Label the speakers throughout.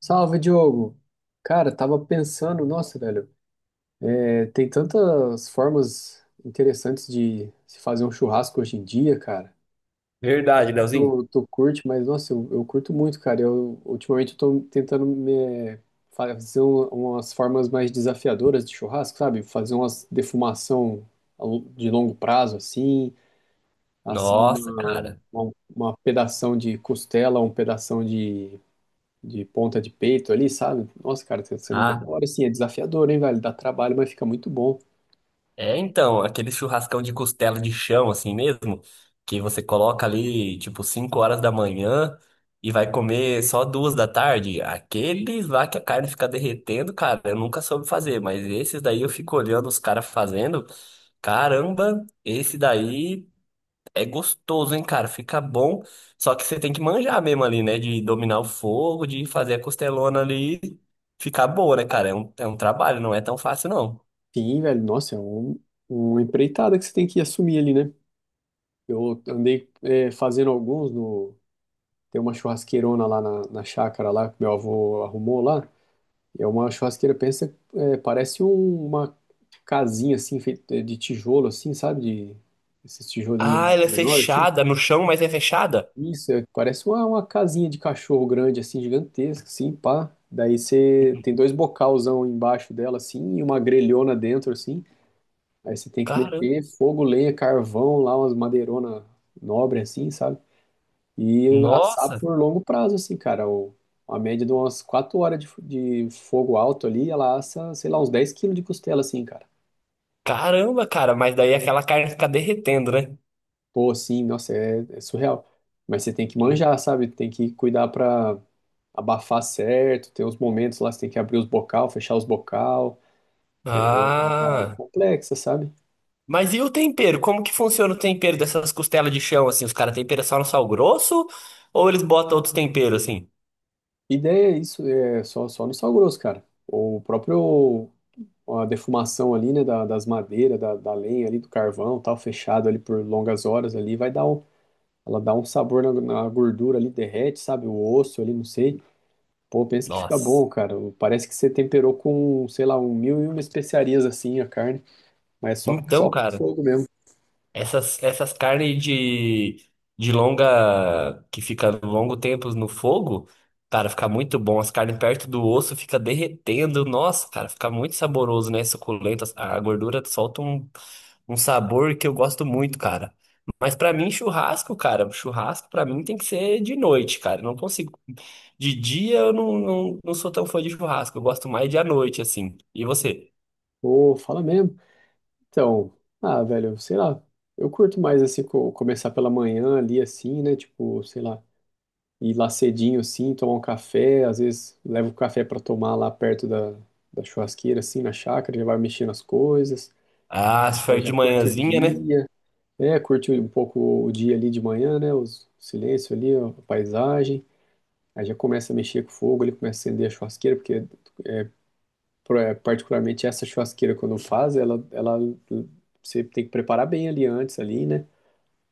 Speaker 1: Salve, Diogo! Cara, tava pensando, nossa, velho, é, tem tantas formas interessantes de se fazer um churrasco hoje em dia, cara.
Speaker 2: Verdade, Leozinho.
Speaker 1: Tu curte, mas nossa, eu curto muito, cara. Eu ultimamente eu tô tentando me fazer umas formas mais desafiadoras de churrasco, sabe? Fazer umas defumação de longo prazo, assim, assar
Speaker 2: Nossa,
Speaker 1: uma,
Speaker 2: cara.
Speaker 1: uma, uma pedação de costela, um pedação de ponta de peito ali, sabe? Nossa, cara, tá sendo
Speaker 2: Ah,
Speaker 1: melhor, assim, é desafiador, hein, velho? Dá trabalho, mas fica muito bom.
Speaker 2: então, aquele churrascão de costela de chão, assim mesmo, que você coloca ali, tipo, 5 horas da manhã e vai comer só 2 da tarde. Aqueles lá que a carne fica derretendo, cara, eu nunca soube fazer, mas esses daí eu fico olhando os caras fazendo. Caramba, esse daí. É gostoso, hein, cara? Fica bom. Só que você tem que manjar mesmo ali, né? De dominar o fogo, de fazer a costelona ali ficar boa, né, cara? É um trabalho, não é tão fácil, não.
Speaker 1: Sim, velho, nossa, é uma empreitada que você tem que assumir ali, né? Eu andei é, fazendo alguns no... Tem uma churrasqueirona lá na chácara lá, que meu avô arrumou lá. É uma churrasqueira, pensa, é, parece uma casinha, assim, feita de tijolo, assim, sabe? De, esses tijolinhos
Speaker 2: Ah, ela é
Speaker 1: menores.
Speaker 2: fechada no chão, mas é fechada?
Speaker 1: Isso, é- parece uma casinha de cachorro grande, assim, gigantesca, assim, pá. Daí você tem dois bocalzão embaixo dela, assim, e uma grelhona dentro, assim. Aí você tem que
Speaker 2: Caramba.
Speaker 1: meter fogo, lenha, carvão, lá umas madeirona nobre, assim, sabe? E assar
Speaker 2: Nossa.
Speaker 1: por longo prazo, assim, cara. O, a média de umas 4 horas de fogo alto ali, ela assa, sei lá, uns 10 quilos de costela, assim, cara.
Speaker 2: Caramba, cara. Mas daí aquela carne fica derretendo, né?
Speaker 1: Pô, assim, nossa, é, é surreal. Mas você tem que
Speaker 2: Sim.
Speaker 1: manjar, sabe? Tem que cuidar pra abafar certo, tem uns momentos lá que você tem que abrir os bocal, fechar os bocal, é uma parada
Speaker 2: Ah.
Speaker 1: complexa, sabe?
Speaker 2: Mas e o tempero? Como que funciona o tempero dessas costelas de chão, assim? Os caras temperam só no sal grosso? Ou eles botam outros temperos, assim?
Speaker 1: Ideia é isso, é só no sal grosso, cara. O próprio a defumação ali, né, das madeiras, da lenha ali, do carvão, tal, fechado ali por longas horas ali, vai dar um, ela dá um sabor na, na gordura ali, derrete, sabe? O osso ali, não sei. Pô, pensa que fica
Speaker 2: Nossa.
Speaker 1: bom, cara. Parece que você temperou com, sei lá, um mil e uma especiarias assim a carne, mas é só,
Speaker 2: Então,
Speaker 1: só
Speaker 2: cara.
Speaker 1: fogo mesmo.
Speaker 2: Essas carnes de longa, que fica longo tempo no fogo, cara, fica muito bom. As carnes perto do osso fica derretendo. Nossa, cara, fica muito saboroso, né? Suculento. A gordura solta um, um sabor que eu gosto muito, cara. Mas pra mim, churrasco, cara, churrasco pra mim tem que ser de noite, cara. Eu não consigo. De dia eu não sou tão fã de churrasco. Eu gosto mais de à noite, assim. E você?
Speaker 1: Pô, fala mesmo. Então, ah, velho, sei lá, eu curto mais assim, começar pela manhã ali, assim, né? Tipo, sei lá, ir lá cedinho assim, tomar um café, às vezes levo o café pra tomar lá perto da, da churrasqueira, assim, na chácara, já vai mexendo as coisas,
Speaker 2: Ah, se
Speaker 1: aí
Speaker 2: for de
Speaker 1: já curte o
Speaker 2: manhãzinha, né?
Speaker 1: dia, é, curte um pouco o dia ali de manhã, né? Os, o silêncio ali, ó, a paisagem, aí já começa a mexer com o fogo, ele começa a acender a churrasqueira, porque é, particularmente essa churrasqueira, quando faz, ela, você tem que preparar bem ali antes, ali, né?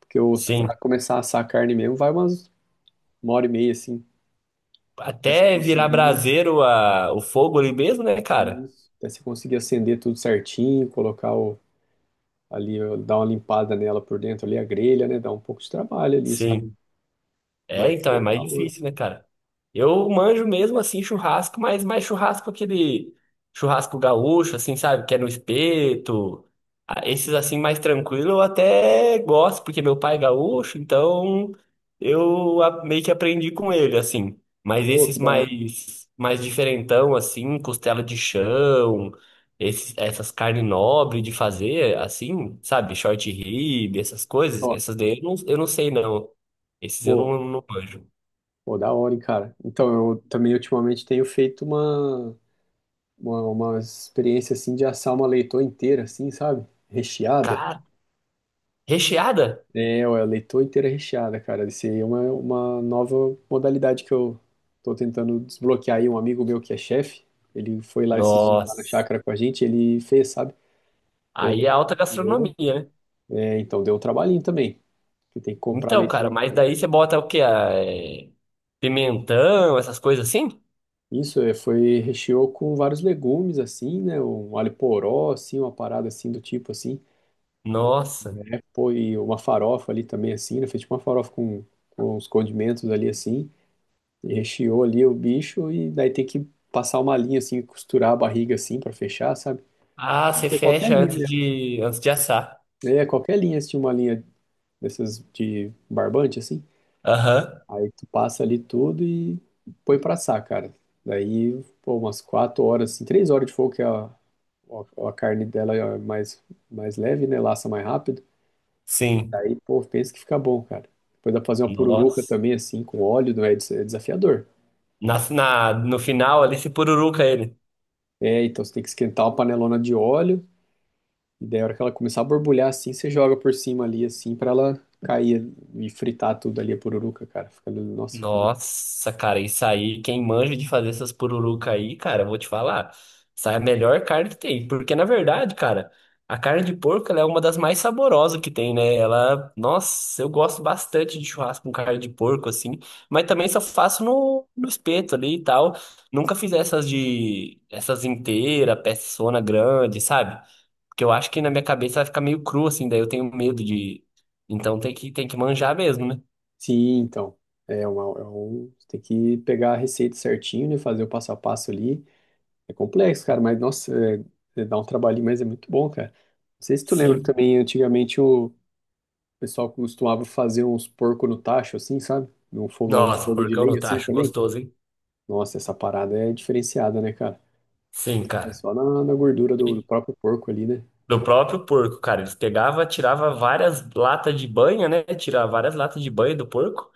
Speaker 1: Que eu, pra
Speaker 2: Sim.
Speaker 1: começar a assar a carne mesmo, vai uma hora e meia, assim. Até você
Speaker 2: Até virar
Speaker 1: conseguir,
Speaker 2: braseiro a, o fogo ali mesmo, né, cara?
Speaker 1: isso, até você conseguir acender tudo certinho, colocar o, ali, ó, dar uma limpada nela por dentro ali, a grelha, né? Dá um pouco de trabalho ali, sabe?
Speaker 2: Sim, é,
Speaker 1: Mas,
Speaker 2: então é
Speaker 1: pô, da
Speaker 2: mais
Speaker 1: hora.
Speaker 2: difícil, né, cara? Eu manjo mesmo assim churrasco, mas mais churrasco aquele churrasco gaúcho, assim, sabe? Que é no espeto. Ah, esses assim mais tranquilo eu até gosto, porque meu pai é gaúcho, então eu meio que aprendi com ele, assim. Mas
Speaker 1: Pô,
Speaker 2: esses
Speaker 1: que da hora.
Speaker 2: mais mais diferentão, assim, costela de chão, esses, essas carnes nobres de fazer, assim, sabe? Short rib, essas coisas,
Speaker 1: Ó,
Speaker 2: essas daí eu não sei não. Esses eu
Speaker 1: pô,
Speaker 2: não manjo.
Speaker 1: pô, da hora, hein, cara. Então, eu também ultimamente tenho feito uma experiência, assim, de assar uma leitoa inteira, assim, sabe? Recheada.
Speaker 2: Cara, recheada?
Speaker 1: É, ó, a leitoa inteira recheada, cara. Isso aí é uma nova modalidade que eu tô tentando desbloquear aí. Um amigo meu que é chefe, ele foi lá esses dias lá na
Speaker 2: Nossa.
Speaker 1: chácara com a gente, ele fez, sabe? Pô, daí
Speaker 2: Aí é
Speaker 1: ele
Speaker 2: alta
Speaker 1: criou.
Speaker 2: gastronomia, né?
Speaker 1: É, então deu um trabalhinho também. Você tem que comprar a
Speaker 2: Então,
Speaker 1: leitoa
Speaker 2: cara, mas daí você
Speaker 1: inteira.
Speaker 2: bota o quê? Pimentão, essas coisas assim?
Speaker 1: Isso, é, foi, recheou com vários legumes, assim, né? Um alho poró, assim, uma parada assim do tipo, assim.
Speaker 2: Nossa.
Speaker 1: É, pô, e uma farofa ali também, assim, né? Fez tipo uma farofa com uns condimentos ali, assim. E recheou ali o bicho e daí tem que passar uma linha assim, costurar a barriga assim pra fechar, sabe?
Speaker 2: Ah,
Speaker 1: Pode
Speaker 2: você
Speaker 1: ser qualquer
Speaker 2: fecha
Speaker 1: linha
Speaker 2: antes
Speaker 1: mesmo.
Speaker 2: de, antes de assar.
Speaker 1: É, qualquer linha, se tinha uma linha dessas de barbante assim,
Speaker 2: Aham,
Speaker 1: aí tu passa ali tudo e põe pra assar, cara. Daí, pô, umas 4 horas, assim, 3 horas de fogo que a carne dela é mais, mais leve, né? Laça mais rápido.
Speaker 2: sim.
Speaker 1: Daí, pô, pensa que fica bom, cara. Depois dá pra fazer uma pururuca
Speaker 2: Nossa.
Speaker 1: também, assim, com óleo, né? É desafiador.
Speaker 2: Na, no final ali, você pururuca ele.
Speaker 1: É, então você tem que esquentar uma panelona de óleo. E daí, a hora que ela começar a borbulhar assim, você joga por cima ali, assim, pra ela cair e fritar tudo ali, a pururuca, cara. Fica, nossa, fica muito.
Speaker 2: Nossa, cara, isso aí, quem manja de fazer essas pururuca aí, cara, eu vou te falar, essa é a melhor carne que tem, porque na verdade, cara, a carne de porco, ela é uma das mais saborosas que tem, né? Ela, nossa, eu gosto bastante de churrasco com carne de porco, assim, mas também só faço no, no espeto ali e tal, nunca fiz essas de, essas inteira, peçona grande, sabe? Porque eu acho que na minha cabeça vai ficar meio cru, assim, daí eu tenho medo de, então tem que manjar mesmo, né?
Speaker 1: Sim, então. É, uma, é um, você tem que pegar a receita certinho, né? Fazer o passo a passo ali. É complexo, cara, mas nossa, é- é- dá um trabalhinho, mas é muito bom, cara. Não sei se tu lembra
Speaker 2: Sim.
Speaker 1: também, antigamente o pessoal costumava fazer uns porco no tacho, assim, sabe? Num fogão, um
Speaker 2: Nossa,
Speaker 1: fogo de
Speaker 2: porcão no
Speaker 1: lenha, assim
Speaker 2: tacho,
Speaker 1: também.
Speaker 2: gostoso, hein?
Speaker 1: Nossa, essa parada é diferenciada, né, cara?
Speaker 2: Sim,
Speaker 1: Tá
Speaker 2: cara.
Speaker 1: só na, na gordura do
Speaker 2: E
Speaker 1: próprio porco ali, né?
Speaker 2: do próprio porco, cara, eles pegavam, tirava várias latas de banha, né? Tirava várias latas de banha do porco,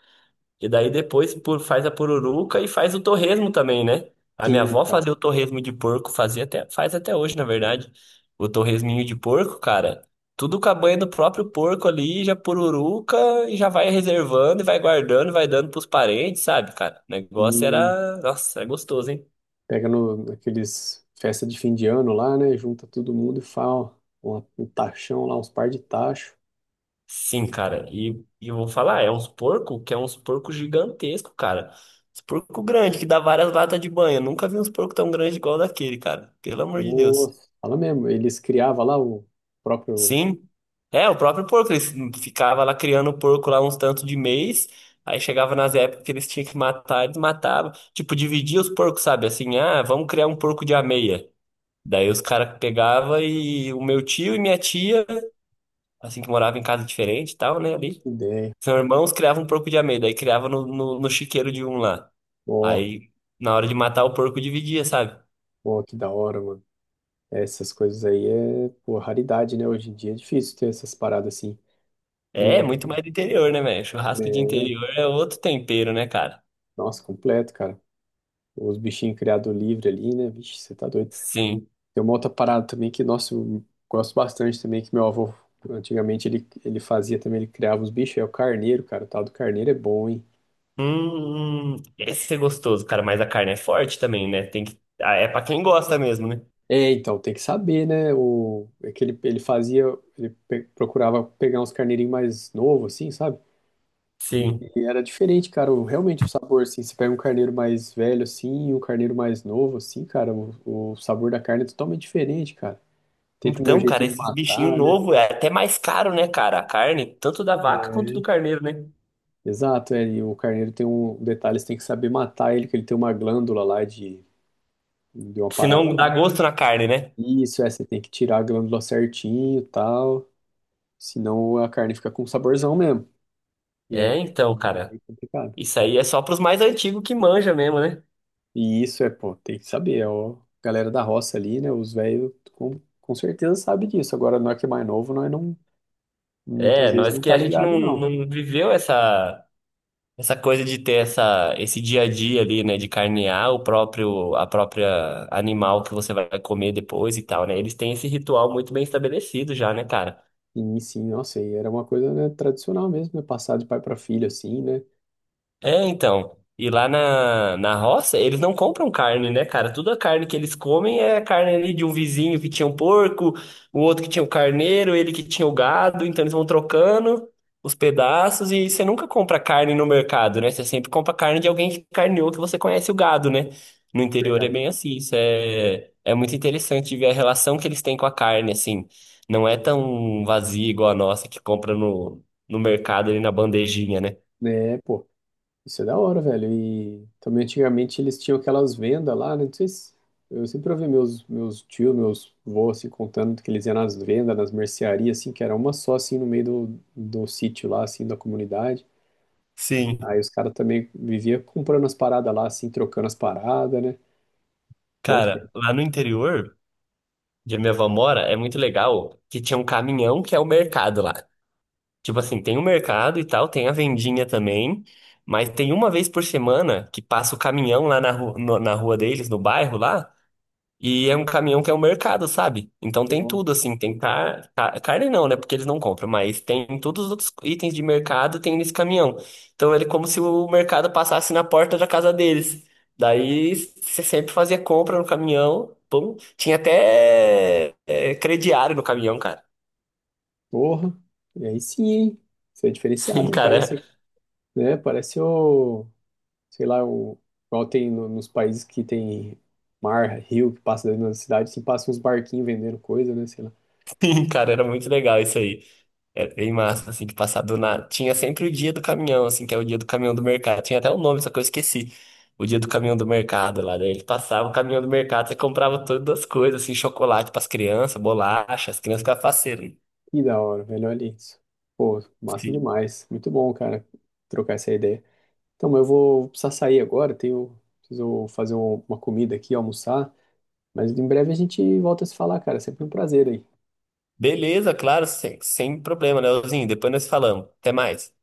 Speaker 2: e daí depois por, faz a pururuca e faz o torresmo também, né? A minha
Speaker 1: Sim,
Speaker 2: avó
Speaker 1: cara.
Speaker 2: fazia o torresmo de porco, fazia até, faz até hoje, na verdade. O torresminho de porco, cara, tudo com a banha do próprio porco ali, já pururuca, e já vai reservando, e vai guardando, e vai dando pros parentes, sabe, cara? O negócio
Speaker 1: Sim.
Speaker 2: era, nossa, é gostoso, hein?
Speaker 1: Pega no, naqueles festa de fim de ano lá, né? Junta todo mundo e fala ó, um tachão lá, uns par de tacho.
Speaker 2: Sim, cara, e eu vou falar, é uns porco que é uns porco gigantesco, cara. Uns porco grande que dá várias latas de banho. Eu nunca vi uns porco tão grande igual daquele, cara. Pelo amor de Deus.
Speaker 1: Nossa, fala mesmo. Eles criavam lá o próprio
Speaker 2: Sim. É, o próprio porco, eles ficava lá criando porco lá uns tantos de mês, aí chegava nas épocas que eles tinham que matar, eles matavam. Tipo, dividia os porcos, sabe? Assim, ah, vamos criar um porco de ameia. Daí os caras pegavam e o meu tio e minha tia, assim que morava em casa diferente e tal, né, ali.
Speaker 1: ideia.
Speaker 2: São irmãos criavam um porco de amêndoa, aí criava no chiqueiro de um lá.
Speaker 1: Ó,
Speaker 2: Aí, na hora de matar o porco, dividia, sabe?
Speaker 1: ó, que da hora, mano. Essas coisas aí é, pô, raridade, né? Hoje em dia é difícil ter essas paradas assim.
Speaker 2: É, é muito
Speaker 1: No,
Speaker 2: mais do interior, né, velho? Churrasco de
Speaker 1: né?
Speaker 2: interior é outro tempero, né, cara?
Speaker 1: Nossa, completo, cara. Os bichinhos criados livre ali, né? Vixe, você tá doido.
Speaker 2: Sim.
Speaker 1: Tem uma outra parada também que, nossa, eu gosto bastante também, que meu avô, antigamente, ele fazia também, ele criava os bichos, é o carneiro, cara, o tal do carneiro é bom, hein?
Speaker 2: Esse é gostoso, cara, mas a carne é forte também, né? Tem que... Ah, é pra quem gosta mesmo, né?
Speaker 1: É, então, tem que saber, né? O, é que ele fazia, ele procurava pegar uns carneirinhos mais novos, assim, sabe?
Speaker 2: Sim.
Speaker 1: E era diferente, cara, o- realmente o sabor, assim, você pega um carneiro mais velho, assim, e um carneiro mais novo, assim, cara, o sabor da carne é totalmente diferente, cara. Tem também o
Speaker 2: Então, cara,
Speaker 1: jeito de
Speaker 2: esses bichinhos
Speaker 1: matar, né?
Speaker 2: novos é até mais caro, né, cara? A carne, tanto da vaca
Speaker 1: É.
Speaker 2: quanto do carneiro, né?
Speaker 1: Exato, é, e o carneiro tem um detalhe, você tem que saber matar ele, que ele tem uma glândula lá de uma
Speaker 2: Se
Speaker 1: parada
Speaker 2: não dá
Speaker 1: lá, né?
Speaker 2: gosto na carne, né?
Speaker 1: Isso, é, você tem que tirar a glândula certinho e tal, senão a carne fica com saborzão mesmo. E é,
Speaker 2: É, então, cara.
Speaker 1: meio complicado.
Speaker 2: Isso aí é só pros mais antigos que manja mesmo, né?
Speaker 1: E isso é, pô, tem que saber, é ó, a galera da roça ali, né, os velhos com certeza sabe disso. Agora, nós que é mais novo, nós não, muitas
Speaker 2: É,
Speaker 1: vezes
Speaker 2: nós
Speaker 1: não
Speaker 2: que
Speaker 1: tá
Speaker 2: a gente
Speaker 1: ligado,
Speaker 2: não,
Speaker 1: não.
Speaker 2: não viveu essa essa coisa de ter essa esse dia a dia ali, né, de carnear o próprio a própria animal que você vai comer depois e tal, né? Eles têm esse ritual muito bem estabelecido já, né, cara?
Speaker 1: Sim, sim, nossa, e era uma coisa, né, tradicional mesmo, né, passar de pai para filho, assim, né.
Speaker 2: É, então. E lá na, na roça, eles não compram carne, né, cara? Toda carne que eles comem é carne ali de um vizinho que tinha um porco, o outro que tinha o carneiro, ele que tinha o gado. Então eles vão trocando os pedaços e você nunca compra carne no mercado, né? Você sempre compra carne de alguém que carneou, que você conhece o gado, né? No interior é
Speaker 1: Verdade.
Speaker 2: bem assim. Isso é muito interessante ver a relação que eles têm com a carne, assim. Não é tão vazia igual a nossa que compra no, no mercado ali na bandejinha, né?
Speaker 1: É, pô. Isso é da hora, velho. E também antigamente eles tinham aquelas vendas lá, né? Não sei se... Eu sempre ouvi meus tios, meus avós, assim, contando que eles iam nas vendas, nas mercearias, assim, que era uma só, assim, no meio do sítio lá, assim, da comunidade.
Speaker 2: Sim.
Speaker 1: Aí os caras também viviam comprando as paradas lá, assim, trocando as paradas, né? Bom tempo,
Speaker 2: Cara, lá no interior, onde a minha avó mora, é muito legal que tinha um caminhão que é o mercado lá. Tipo assim, tem o mercado e tal, tem a vendinha também, mas tem uma vez por semana que passa o caminhão lá na, ru no- na rua deles, no bairro lá, e é um caminhão que é o mercado, sabe? Então tem
Speaker 1: ó.
Speaker 2: tudo, assim, tem carne não, né? Porque eles não compram, mas tem todos os outros itens de mercado tem nesse caminhão. Então ele é como se o mercado passasse na porta da casa deles. Daí você sempre fazia compra no caminhão, pum. Tinha até crediário no caminhão, cara.
Speaker 1: Porra! E aí sim, hein? Isso é diferenciado,
Speaker 2: Sim,
Speaker 1: né?
Speaker 2: cara.
Speaker 1: Parece, né? Parece o... sei lá, o, igual tem nos países que tem mar, rio que passa dentro das cidades, assim, passa uns barquinhos vendendo coisa, né? Sei lá.
Speaker 2: Sim, cara, era muito legal isso aí. Era bem massa, assim, de passar do nada. Tinha sempre o dia do caminhão, assim, que é o dia do caminhão do mercado. Tinha até um nome, só que eu esqueci. O dia do caminhão do mercado lá. Daí ele passava o caminhão do mercado, você comprava todas as coisas, assim, chocolate pras crianças, bolacha, as crianças ficavam faceiras.
Speaker 1: Que da hora, velho, olha isso. Pô, massa
Speaker 2: Sim.
Speaker 1: demais. Muito bom, cara, trocar essa ideia. Então, mas eu vou precisar sair agora, tenho, preciso fazer uma comida aqui, almoçar, mas em breve a gente volta a se falar, cara. Sempre um prazer aí.
Speaker 2: Beleza, claro, sem problema, né, Leozinho? Depois nós falamos. Até mais.